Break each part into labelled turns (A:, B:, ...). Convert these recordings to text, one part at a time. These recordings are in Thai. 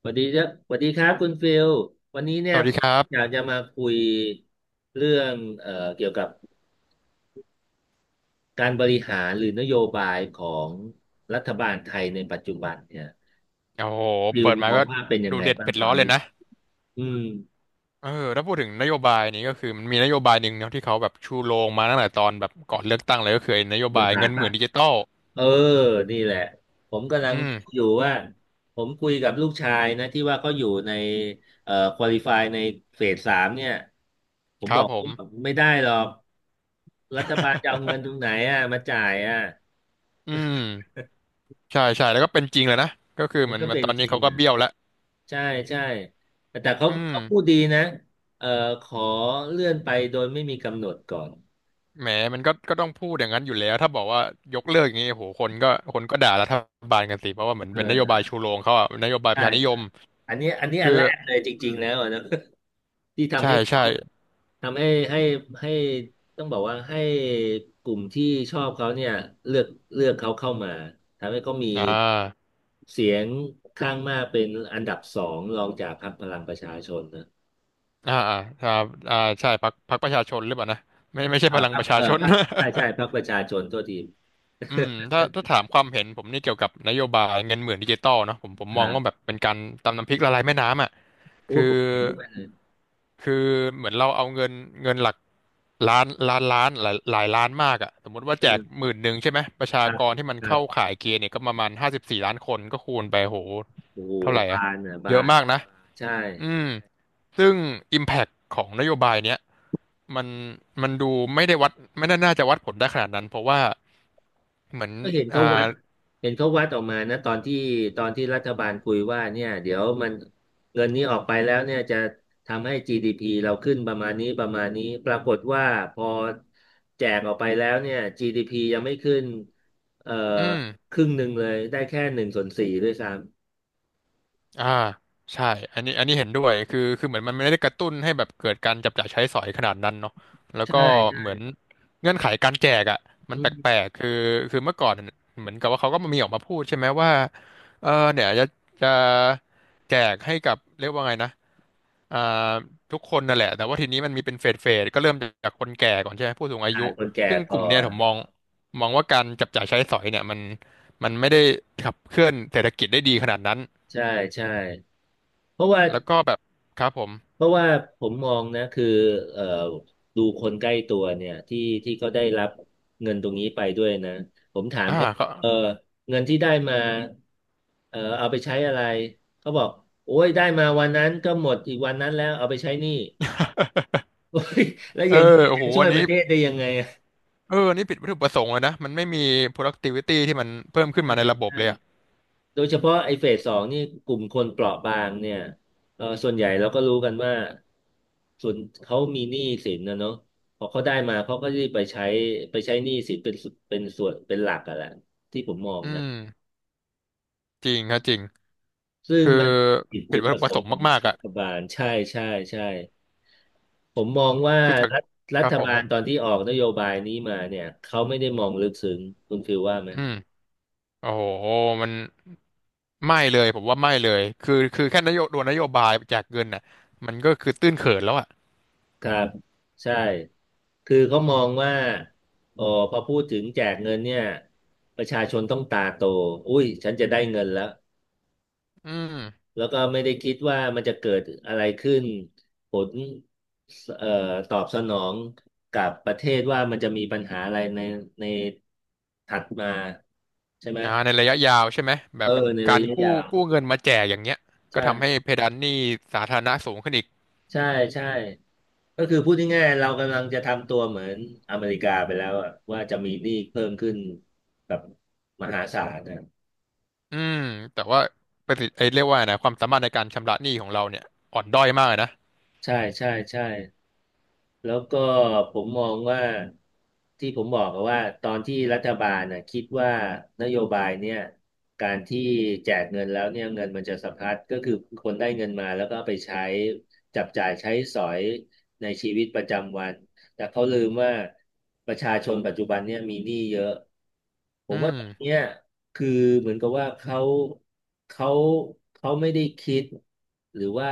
A: สวัสดีครับสวัสดีครับคุณฟิลวันนี้เนี่
B: ส
A: ย
B: วัสดีครับ
A: อยากจะมาคุยเรื่องเกี่ยวกับการบริหารหรือนโยบายของรัฐบาลไทยในปัจจุบันเนี่ย
B: โอ้โห
A: ฟิล
B: เปิดมา
A: มอ
B: ก็
A: งว่าเป็นยั
B: ดู
A: งไง
B: เด็ด
A: บ้าง
B: เผ็ด
A: ตอ
B: ร้อ
A: น
B: นเลย
A: นี้
B: นะ
A: อืม
B: เออถ้าพูดถึงนโยบายนี้ก็คือมันมีนโยบายหนึ่งเนาะที่เขาแบบชูโรงมาตั้งแต่ตอนแบบก่อนเลือกตั้งเลยก็คือไอ้นโย
A: บ
B: บา
A: ริ
B: ย
A: หา
B: เงิ
A: ร
B: นห
A: ป่ะ
B: มื่นดิจิตอล
A: เออนี่แหละผมกำลัง
B: อืม
A: ดูอยู่ว่าผมคุยกับลูกชายนะที่ว่าเขาอยู่ในควอลิฟายในเฟสสามเนี่ยผม
B: ค
A: บ
B: รั
A: อ
B: บ
A: ก
B: ผ
A: ว่า
B: ม
A: ไม่ได้หรอกรัฐบาลจะเอาเงินตรงไหนอ่ะมาจ่ายอ่ะ
B: อืมใช่ใช่แล้วก็เป็นจริงเลยนะก็คือ
A: มั
B: เห
A: น
B: มือน
A: ก็
B: มั
A: เป็
B: น
A: น
B: ตอน
A: จ
B: นี้
A: ริง
B: เขาก็
A: อ่ะ
B: เบี้ยวแล้ว
A: ใช่ใช่แต่เขา
B: อืม
A: เขาพูดดีนะเอ่อขอเลื่อนไปโดยไม่มีกำหนดก่อน
B: แหมมันก็ต้องพูดอย่างนั้นอยู่แล้วถ้าบอกว่ายกเลิกอย่างนี้โอ้โหคนก็ด่ารัฐบาลกันสิเพราะว่าเหมือน
A: เอ
B: เป็น
A: อ
B: นโย
A: ได้
B: บายชูโรงเขาอะนโยบายป
A: ใช่
B: ระชานิย
A: ใช่
B: ม
A: อันนี้อันนี้อัน
B: คื
A: แร
B: อ
A: กเลยจ
B: อื
A: ริง
B: ม
A: ๆแล้วอะนะ ที่ทำ
B: ใช่
A: ให้
B: ใช่
A: เขาทำให้ให้ให้ต้องบอกว่าให้กลุ่มที่ชอบเขาเนี่ยเลือกเลือกเขาเข้ามาทำให้เขามี
B: อ่า
A: เสียงข้างมากเป็นอันดับสองรองจากพรรคพลังประชาชนนะ
B: อ่าอ่าอ่าอ่าใช่พรรคประชาชนหรือเปล่านะไม่ใช่
A: อ่า
B: พลัง
A: พรร
B: ป
A: ค
B: ระชา
A: เออ
B: ชน
A: พ รรคใช่ใช่พรรคประชาชนโทษที
B: อืม ถ้าถามความเห็นนี่เกี่ยวกับนโยบายเงินหมื่นดิจิตอลเนาะผม
A: ค
B: มอง
A: รั
B: ว่าแบ
A: บ
B: บเป็นการตำน้ำพริกละลายแม่น้ำอ่ะ
A: โอ้
B: คื
A: ย
B: อ
A: ผมเห็นด้วยเลย
B: คือเหมือนเราเอาเงินหลักล้านล้านล้านหลายหลายล้านมากอ่ะสมมติว่า
A: เอ
B: แจกห
A: อ
B: มื่นหนึ่งใช่ไหมประชา
A: ครับ
B: กรที่มัน
A: ครั
B: เข้า
A: บ
B: ข่ายเกณฑ์เนี่ยก็ประมาณ54 ล้านคนก็คูณไปโห
A: โอ้โห
B: เท่าไหร่อ่ะ
A: บานอ่ะบา
B: เยอะ
A: น
B: มากนะ
A: ใช่
B: อืม ซึ่ง Impact ของนโยบายเนี้ยมันดูไม่ได้วัดไม่น่าจะวัดผลได้ขนาดนั้นเพราะว่าเหมือน
A: ก็เห็น
B: อ่า
A: เขาวัดเห็นเขาวัดออกมานะตอนที่รัฐบาลคุยว่าเนี่ย เดี๋ยวมันเงินนี้ออกไปแล้วเนี่ย จะทำให้ GDP เราขึ้นประมาณนี้ประมาณนี้ ปรากฏว่าพอแจกออกไปแล้วเนี่ย GDP ยังไม่ขึ้นเอ่อ
B: อืม
A: ครึ่งหนึ่งเลย ได้แค่หนึ่งส่วนสี่ด้วยซ้
B: อ่าใช่อันนี้เห็นด้วยคือเหมือนมันไม่ได้กระตุ้นให้แบบเกิดการจับจ่ายใช้สอยขนาดนั้นเนาะแล้
A: ำ
B: วก็
A: ใช่
B: เหมื
A: ใช่
B: อนเงื่อนไขการแจกอ่ะมัน
A: อื
B: แปล
A: ม
B: กๆคือเมื่อก่อนเหมือนกับว่าเขาก็มีออกมาพูดใช่ไหมว่าเออเนี่ยจะจะแจกให้กับเรียกว่าไงนะ อ่าทุกคนนั่นแหละแต่ว่าทีนี้มันมีเป็นเฟสเฟสก็เริ่มจากคนแก่ก่อนใช่ไหมผู้สูงอา
A: ใช่
B: ยุ
A: คนแก่
B: ซึ่ง
A: พ
B: ก
A: อ
B: ลุ่มเนี่ยผมมองว่าการจับจ่ายใช้สอยเนี่ยมันไม่ได้ขับเคลื่อนเศรษฐกิจได้ดีขนาดนั้น
A: ใช่ใช่เพราะว่า
B: แล้วก็แบบครับผม
A: เพราะว่าผมมองนะคือเอ่อดูคนใกล้ตัวเนี่ยที่เขาได้รับเงินตรงนี้ไปด้วยนะผมถาม
B: อ่า
A: เขา
B: ก็
A: เออเงินที่ได้มาเออเอาไปใช้อะไรเขาบอกโอ้ยได้มาวันนั้นก็หมดอีกวันนั้นแล้วเอาไปใช้หนี้ แล้ว
B: เอ
A: อ
B: อ
A: ย่างนี้
B: โอ้
A: มัน
B: โห
A: จะช่
B: อั
A: วย
B: น
A: ป
B: นี้
A: ระเทศได้ยังไงอะ
B: เอออันนี้ผิดวัตถุประสงค์เลยนะมันไม่มี productivity ที่มันเพิ่มขึ้น
A: ใช่
B: มาในระบบ
A: ใช่
B: เลยอ่ะ
A: โดยเฉพาะไอ้เฟสสองนี่กลุ่มคนเปราะบางเนี่ยเออส่วนใหญ่เราก็รู้กันว่าส่วนเขามีหนี้สินนะเนาะพอเขาได้มาเขาก็จะไปใช้หนี้สินเป็นสุดเป็นส่วนเป็นหลักอะแหละที่ผมมอง
B: อื
A: นะ
B: มจริงครับจริง
A: ซึ่ง
B: คือ
A: มันผิด
B: ผิ
A: จุ
B: ด
A: ด
B: วัต
A: ป
B: ถุ
A: ระ
B: ป
A: ส
B: ระส
A: ง
B: ง
A: ค์ข
B: ค์
A: อง
B: มากๆ
A: รั
B: อ่ะ
A: ฐบาลใช่ใช่ใช่ผมมองว่า
B: คือจาก
A: รัฐรั
B: ครั
A: ฐ
B: บผ
A: บาลต
B: ม
A: อนที่ออกนโยบายนี้มาเนี่ยเขาไม่ได้มองลึกซึ้งคุณฟิลว่าไหม
B: อืมโอ้โหมัน ไม่เลยผมว่าไม่เลยคือแค่นโยตัวนโยบายแจากเงินน่ะมันก็คือตื้นเขินแล้วอ่ะ
A: ครับใช่คือเขามองว่าอ๋อพอพูดถึงแจกเงินเนี่ยประชาชนต้องตาโตอุ้ยฉันจะได้เงินแล้ว
B: อืม
A: แล้วก็ไม่ได้คิดว่ามันจะเกิดอะไรขึ้นผลเอ่อตอบสนองกับประเทศว่ามันจะมีปัญหาอะไรในถัดมาใช่ไหม
B: อ่าในระยะยาวใช่ไหมแบ
A: เออ
B: บ
A: ใน
B: กา
A: ระ
B: ร
A: ยะ
B: กู้
A: ยาว
B: เงินมาแจกอย่างเงี้ยก็ทำให้
A: ใช่
B: เพดานหนี้สาธารณะสูงขึ้นอีก
A: ใช่ใช่ก็คือพูดง่ายๆเรากำลังจะทำตัวเหมือนอเมริกาไปแล้วอะว่าจะมีหนี้เพิ่มขึ้นแบบมหาศาลนะ
B: อืมแต่ว่าประสิทธิ์ไอ้เรียกว่าไงนะความสามารถในการชำระหนี้ของเราเนี่ยอ่อนด้อยมากเลยนะ
A: ใช่ใช่ใช่แล้วก็ผมมองว่าที่ผมบอกก็ว่าตอนที่รัฐบาลนะคิดว่านโยบายเนี่ยการที่แจกเงินแล้วเนี่ยเงินมันจะสะพัดก็คือคนได้เงินมาแล้วก็เอาไปใช้จับจ่ายใช้สอยในชีวิตประจำวัน แต่เขาลืมว่าประชาชนปัจจุบันเนี่ยมีหนี้เยอะ ผ
B: อื
A: มว่า
B: ม
A: ตรงเนี้ยคือเหมือนกับว่าเขาเขาไม่ได้คิดหรือว่า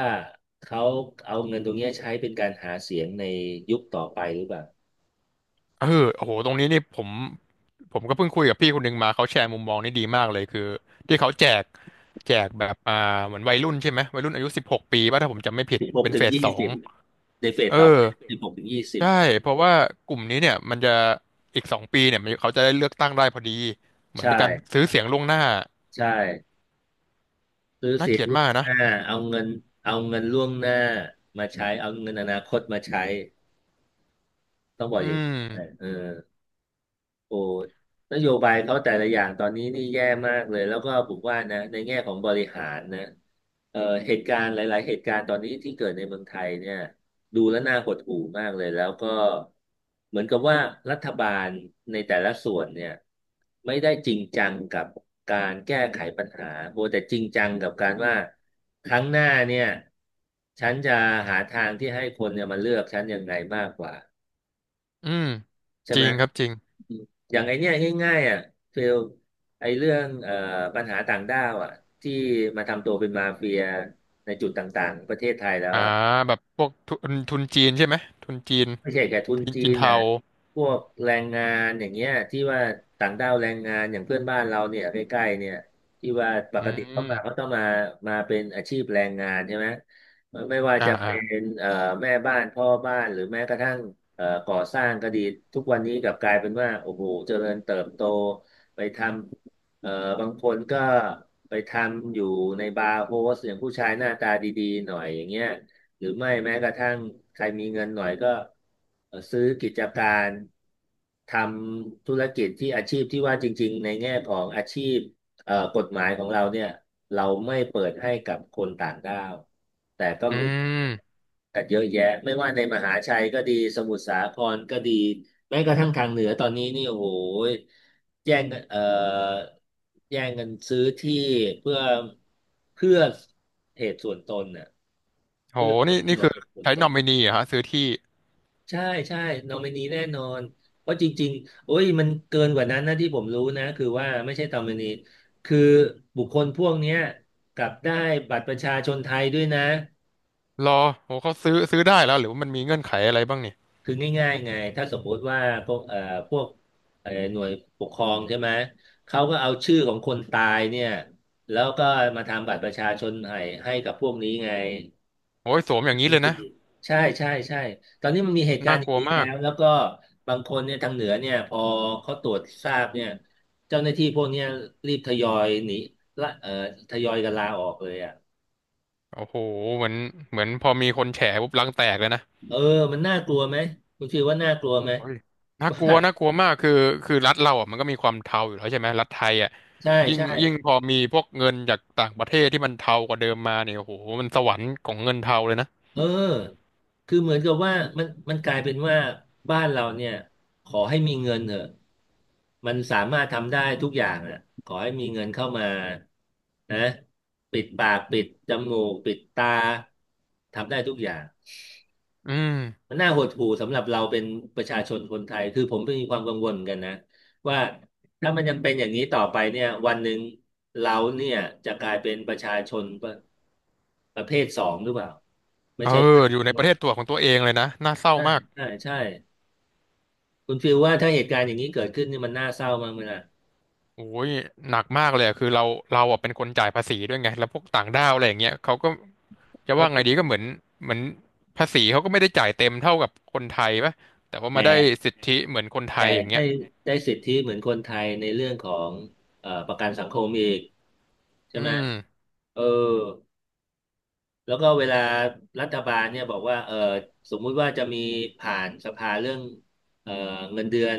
A: เขาเอาเงินตรงเนี้ยใช้เป็นการหาเสียงในยุคต่อไปหรือเปล่า
B: เออโอ้โหตรงนี้นี่ผมก็เพิ่งคุยกับพี่คนหนึ่งมาเขาแชร์มุมมองนี่ดีมากเลยคือที่เขาแจกแบบอ่าเหมือนวัยรุ่นใช่ไหมวัยรุ่นอายุ16ปีป่ะถ้าผมจำไม่ผิด
A: สิบหก
B: เป็น
A: ถึ
B: เฟ
A: ง
B: ส
A: ยี่
B: สอง
A: สิบในเฟส
B: เอ
A: ต่อไป
B: อ
A: สิบหกถึงยี่สิบ
B: ใช่เพราะว่ากลุ่มนี้เนี่ยมันจะอีก2 ปีเนี่ยมันเขาจะได้เลือกตั้งได้พอดีเหมือน
A: ใช่
B: เป็นการซื้อเสียงล่วงหน้า
A: ใช่ซื้อ
B: น่า
A: เสี
B: เก
A: ยง
B: ลียด
A: ล่วง
B: มาก
A: ห
B: นะ
A: น้าเอาเงินล่วงหน้ามาใช้เอาเงินอนาคตมาใช้ต้องบอก
B: อื
A: อย่างนี้
B: ม
A: เออ โอ้นโยบายเขาแต่ละอย่างตอนนี้นี่แย่มากเลยแล้วก็ผมว่านะในแง่ของบริหารนะเอ่อเหตุการณ์หลายๆเหตุการณ์ตอนนี้ที่เกิดในเมืองไทยเนี่ยดูแล้วน่าหดหู่มากเลยแล้วก็เหมือนกับว่ารัฐบาลในแต่ละส่วนเนี่ยไม่ได้จริงจังกับการแก้ไขปัญหาโบแต่จริงจังกับการว่าครั้งหน้าเนี่ยฉันจะหาทางที่ให้คนเนี่ยมาเลือกฉันยังไงมากกว่า
B: อืม
A: ใช่
B: จ
A: ไหม
B: ริงครับจริง
A: อย่างไอเนี้ยง่ายๆอ่ะ เฟลไอเรื่องปัญหาต่างด้าวอ่ะ ที่มาทำตัวเป็นมาเฟียในจุดต่างๆ ประเทศไทยแล้ว
B: อ่า
A: อ่ะ
B: แบบพวกทุนจีนใช่ไหมทุนจีน
A: ไม่ใช่แค่ทุน
B: ทุน
A: จี
B: จีน
A: น
B: เทา
A: นะพวกแรงงานอย่างเงี้ยที่ว่าต่างด้าวแรงงานอย่างเพื่อนบ้านเราเนี่ยใกล้ๆเนี่ยที่ว่าป
B: อื
A: กติเข้า
B: ม
A: มาเขาต้องมาเป็นอาชีพแรงงานใช่ไหมไม่ว่า
B: อ่า
A: จะ
B: อ่า
A: เป็นเอ่อแม่บ้านพ่อบ้านหรือแม้กระทั่งก่อสร้างก็ดีทุกวันนี้กลับกลายเป็นว่าโอ้โหเจริญเติบโตไปทำเอ่อบางคนก็ไปทำอยู่ในบาร์โฮสอย่างผู้ชายหน้าตาดีๆหน่อยอย่างเงี้ย หรือไม่แม้กระทั่งใครมีเงินหน่อยก็ซื้อกิจการทำธุรกิจที่อาชีพที่ว่าจริงๆในแง่ของอาชีพกฎหมายของเราเนี่ยเราไม่เปิดให้กับคนต่างด้าวแต่ก็
B: อื
A: มี
B: ม
A: กันเยอะแยะไม่ว่าในมหาชัยก็ดีสมุทรสาครก็ดีแม้กระทั่งทางเหนือตอนนี้นี่โอ้โหแย่งกันแย่งกันซื้อที่เพื่อเพื่อเหตุส่วนตนน่ะ
B: โห
A: เพื่อผ
B: นี่
A: ลประโยช
B: คือ
A: น์จากฝน
B: ใช้
A: ต
B: น
A: ก
B: อมินีเหรอฮะซื้อที่
A: ใช่ใช่นอมินีแน่นอนเพราะจริงๆโอ้ยมันเกินกว่านั้นนะที่ผมรู้นะคือว่าไม่ใช่นอมินีคือบุคคลพวกเนี้ยกลับได้บัตรประชาชนไทยด้วยนะ
B: รอโหเขาซื้อได้แล้วหรือว่ามันมีเงื่อนไขอะไรบ้างเนี่ย
A: คือง่ายๆไงถ้าสมมติว่าพวกเอ่อพวกหน่วยปกครองใช่ไหมเขาก็เอาชื่อของคนตายเนี่ยแล้วก็มาทำบัตรประชาชนให้ให้กับพวกนี้ไง
B: โอ้ยสวมอย่างนี้เลยนะ
A: ใช่ใช่ใช่ตอนนี้มันมีเหตุการ
B: น่า
A: ณ์อ
B: ก
A: ย่าง
B: ลัว
A: นี้แล้
B: มาก
A: วแล้วก็บางคนเนี่ยทางเหนือเนี่ยพอเขาตรวจทราบเนี่ยเจ้าหน้าที่พวกเนี้ยรีบทยอยหนีละทยอยกันลาออกเลยอ่ะ
B: โอ้โหเหมือนพอมีคนแฉปุ๊บรังแตกเลยนะ
A: เออมันน่ากลัวไหมคุณฟิลว่าน่ากลัวไหม
B: เฮ้ยน่า
A: ว่า
B: กลัวน่ากลัวมากคือรัฐเราอ่ะมันก็มีความเทาอยู่แล้วใช่ไหมรัฐไทยอ่ะ
A: ใช่
B: ยิ่ง
A: ใช่
B: ยิ่งพอมีพวกเงินจากต่างประเทศที่มันเทากว่าเดิมมาเนี่ยโอ้โหมันสวรรค์ของเงินเทาเลยนะ
A: เออคือเหมือนกับว่ามันกลายเป็นว่าบ้านเราเนี่ยขอให้มีเงินเถอะมันสามารถทำได้ทุกอย่างอ่ะขอให้มีเงินเข้ามานะปิดปากปิดจมูกปิดตาทำได้ทุกอย่าง
B: อืม
A: มันน่าหดหู่สำหรับเราเป็นประชาชนคนไทยคือผมก็มีความกังวลเหมือนกันนะว่าถ้ามันยังเป็นอย่างนี้ต่อไปเนี่ยวันหนึ่งเราเนี่ยจะกลายเป็นประชาชนประเภทสองหรือเปล่าไม่
B: เอ
A: ใช่
B: ออยู่ในประเทศตัวของตัวเองเลยนะน่าเศร้า
A: ใช่
B: มาก
A: ใช่ใช่คุณฟิลว่าถ้าเหตุการณ์อย่างนี้เกิดขึ้นนี่มันน่าเศร้ามากเลยนะ
B: โอ้ยหนักมากเลยอะคือเราอ่ะเป็นคนจ่ายภาษีด้วยไงแล้วพวกต่างด้าวอะไรอย่างเงี้ยเขาก็จะ
A: เออ
B: ว่าไงดีก็เหมือนเหมือนภาษีเขาก็ไม่ได้จ่ายเต็มเท่ากับคนไทยปะแต่ว่า
A: แ
B: มาได้
A: ต่
B: สิทธิเหมือนคนไท
A: แต่
B: ยอย่างเงี้
A: ได้
B: ย
A: ได้สิทธิเหมือนคนไทยในเรื่องของประกันสังคมอีกใช่
B: อื
A: ไหม
B: ม
A: เออ แล้วก็เวลารัฐบาลเนี่ยบอกว่าสมมุติว่าจะมีผ่านสภาเรื่องเออเงินเดือน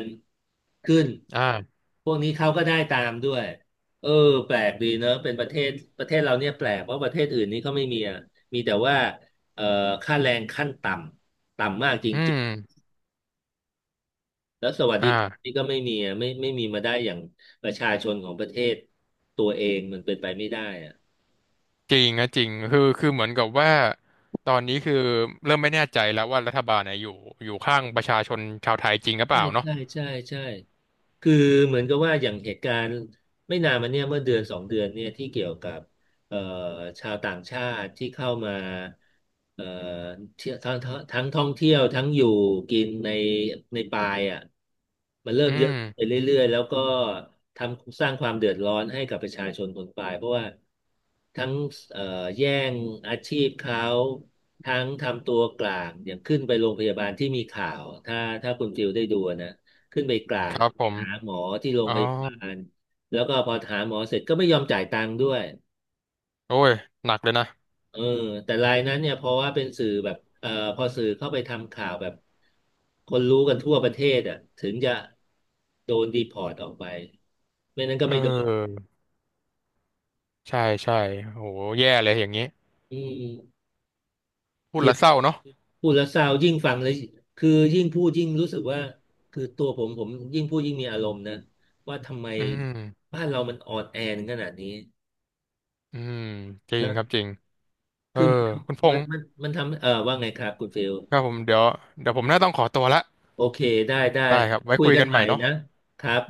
A: ขึ้น
B: อ่า
A: พวกนี้เขาก็ได้ตามด้วย เออแปลกดีเนอะเป็นประเทศประเทศเราเนี่ยแปลกเพราะประเทศอื่นนี่เขาไม่มีอะมีแต่ว่าเออค่าแรงขั้นต่ำ ต่ำมากจริ
B: อื
A: ง
B: ม
A: ๆแล้วสวัสดิการ
B: อ่า
A: นี่ก็ไม่มีอะไม่มีมาได้อย่างประชาชนของประเทศตัวเองมันเป็นไปไม่ได้อะ
B: จริงนะจริงคือเหมือนกับว่าตอนนี้คือเริ่มไม่แน่ใจแล้วว่ารัฐบาลเนี่ยอยู่ข้างประชาชนชาวไทยจริงหรือเป
A: ใช่
B: ล่าเนาะ
A: ใช่ใช่ใช่ คือเหมือนกับว่าอย่างเหตุการณ์ไม่นานมาเนี่ยเมื่อเดือนสองเดือนเนี่ยที่เกี่ยวกับเอ่อชาวต่างชาติที่เข้ามาเอ่อเที่ยวทั้งท่องเที่ยวทั้งอยู่กินในปายอ่ะมันเริ่
B: อื
A: มเยอะ
B: ม
A: ขึ้นไปเรื่อยๆแล้วก็ทำสร้างความเดือดร้อนให้กับประชาชนคนปายเพราะว่าทั้งเอ่อแย่งอาชีพเขาทั้งทำตัวกลางอย่างขึ้นไปโรงพยาบาลที่มีข่าวถ้าคุณฟิลได้ดูนะขึ้นไปกลา
B: ค
A: ง
B: รับผม
A: หาหมอที่โรง
B: อ๋อ
A: พยาบาลแล้วก็พอหาหมอเสร็จก็ไม่ยอมจ่ายตังค์ด้วย
B: โอ้ยหนักเลยนะ
A: เออแต่รายนั้นเนี่ยเพราะว่าเป็นสื่อแบบพอสื่อเข้าไปทำข่าวแบบคนรู้กันทั่วประเทศอ่ะถึงจะโดนดีพอร์ตออกไปไม่นั้นก็
B: เอ
A: ไม่โดน
B: อใช่ใช่โหแย่เลยอย่างนี้
A: อืม
B: พูดแล้วเศร้าเนาะ
A: พูดแล้วเศร้ายิ่งฟังเลยคือยิ่งพูดยิ่งรู้สึกว่าคือตัวผมยิ่งพูดยิ่งมีอารมณ์นะว่าทำไม
B: อืม
A: บ้านเรามันอ่อนแอถึงขนาดนี้
B: อืมจริง
A: นะ
B: ครับจริงเออ
A: คือมัน
B: คุณพ
A: มั
B: ง
A: น
B: ษ์
A: มันมันทำเออว่าไงครับคุณฟิล
B: ครับผมเดี๋ยวผมน่าต้องขอตัวละ
A: โอเคได้ได้
B: ได้ครับไว้
A: คุย
B: คุย
A: กัน
B: กัน
A: ให
B: ให
A: ม่
B: ม่เนาะ
A: นะครับ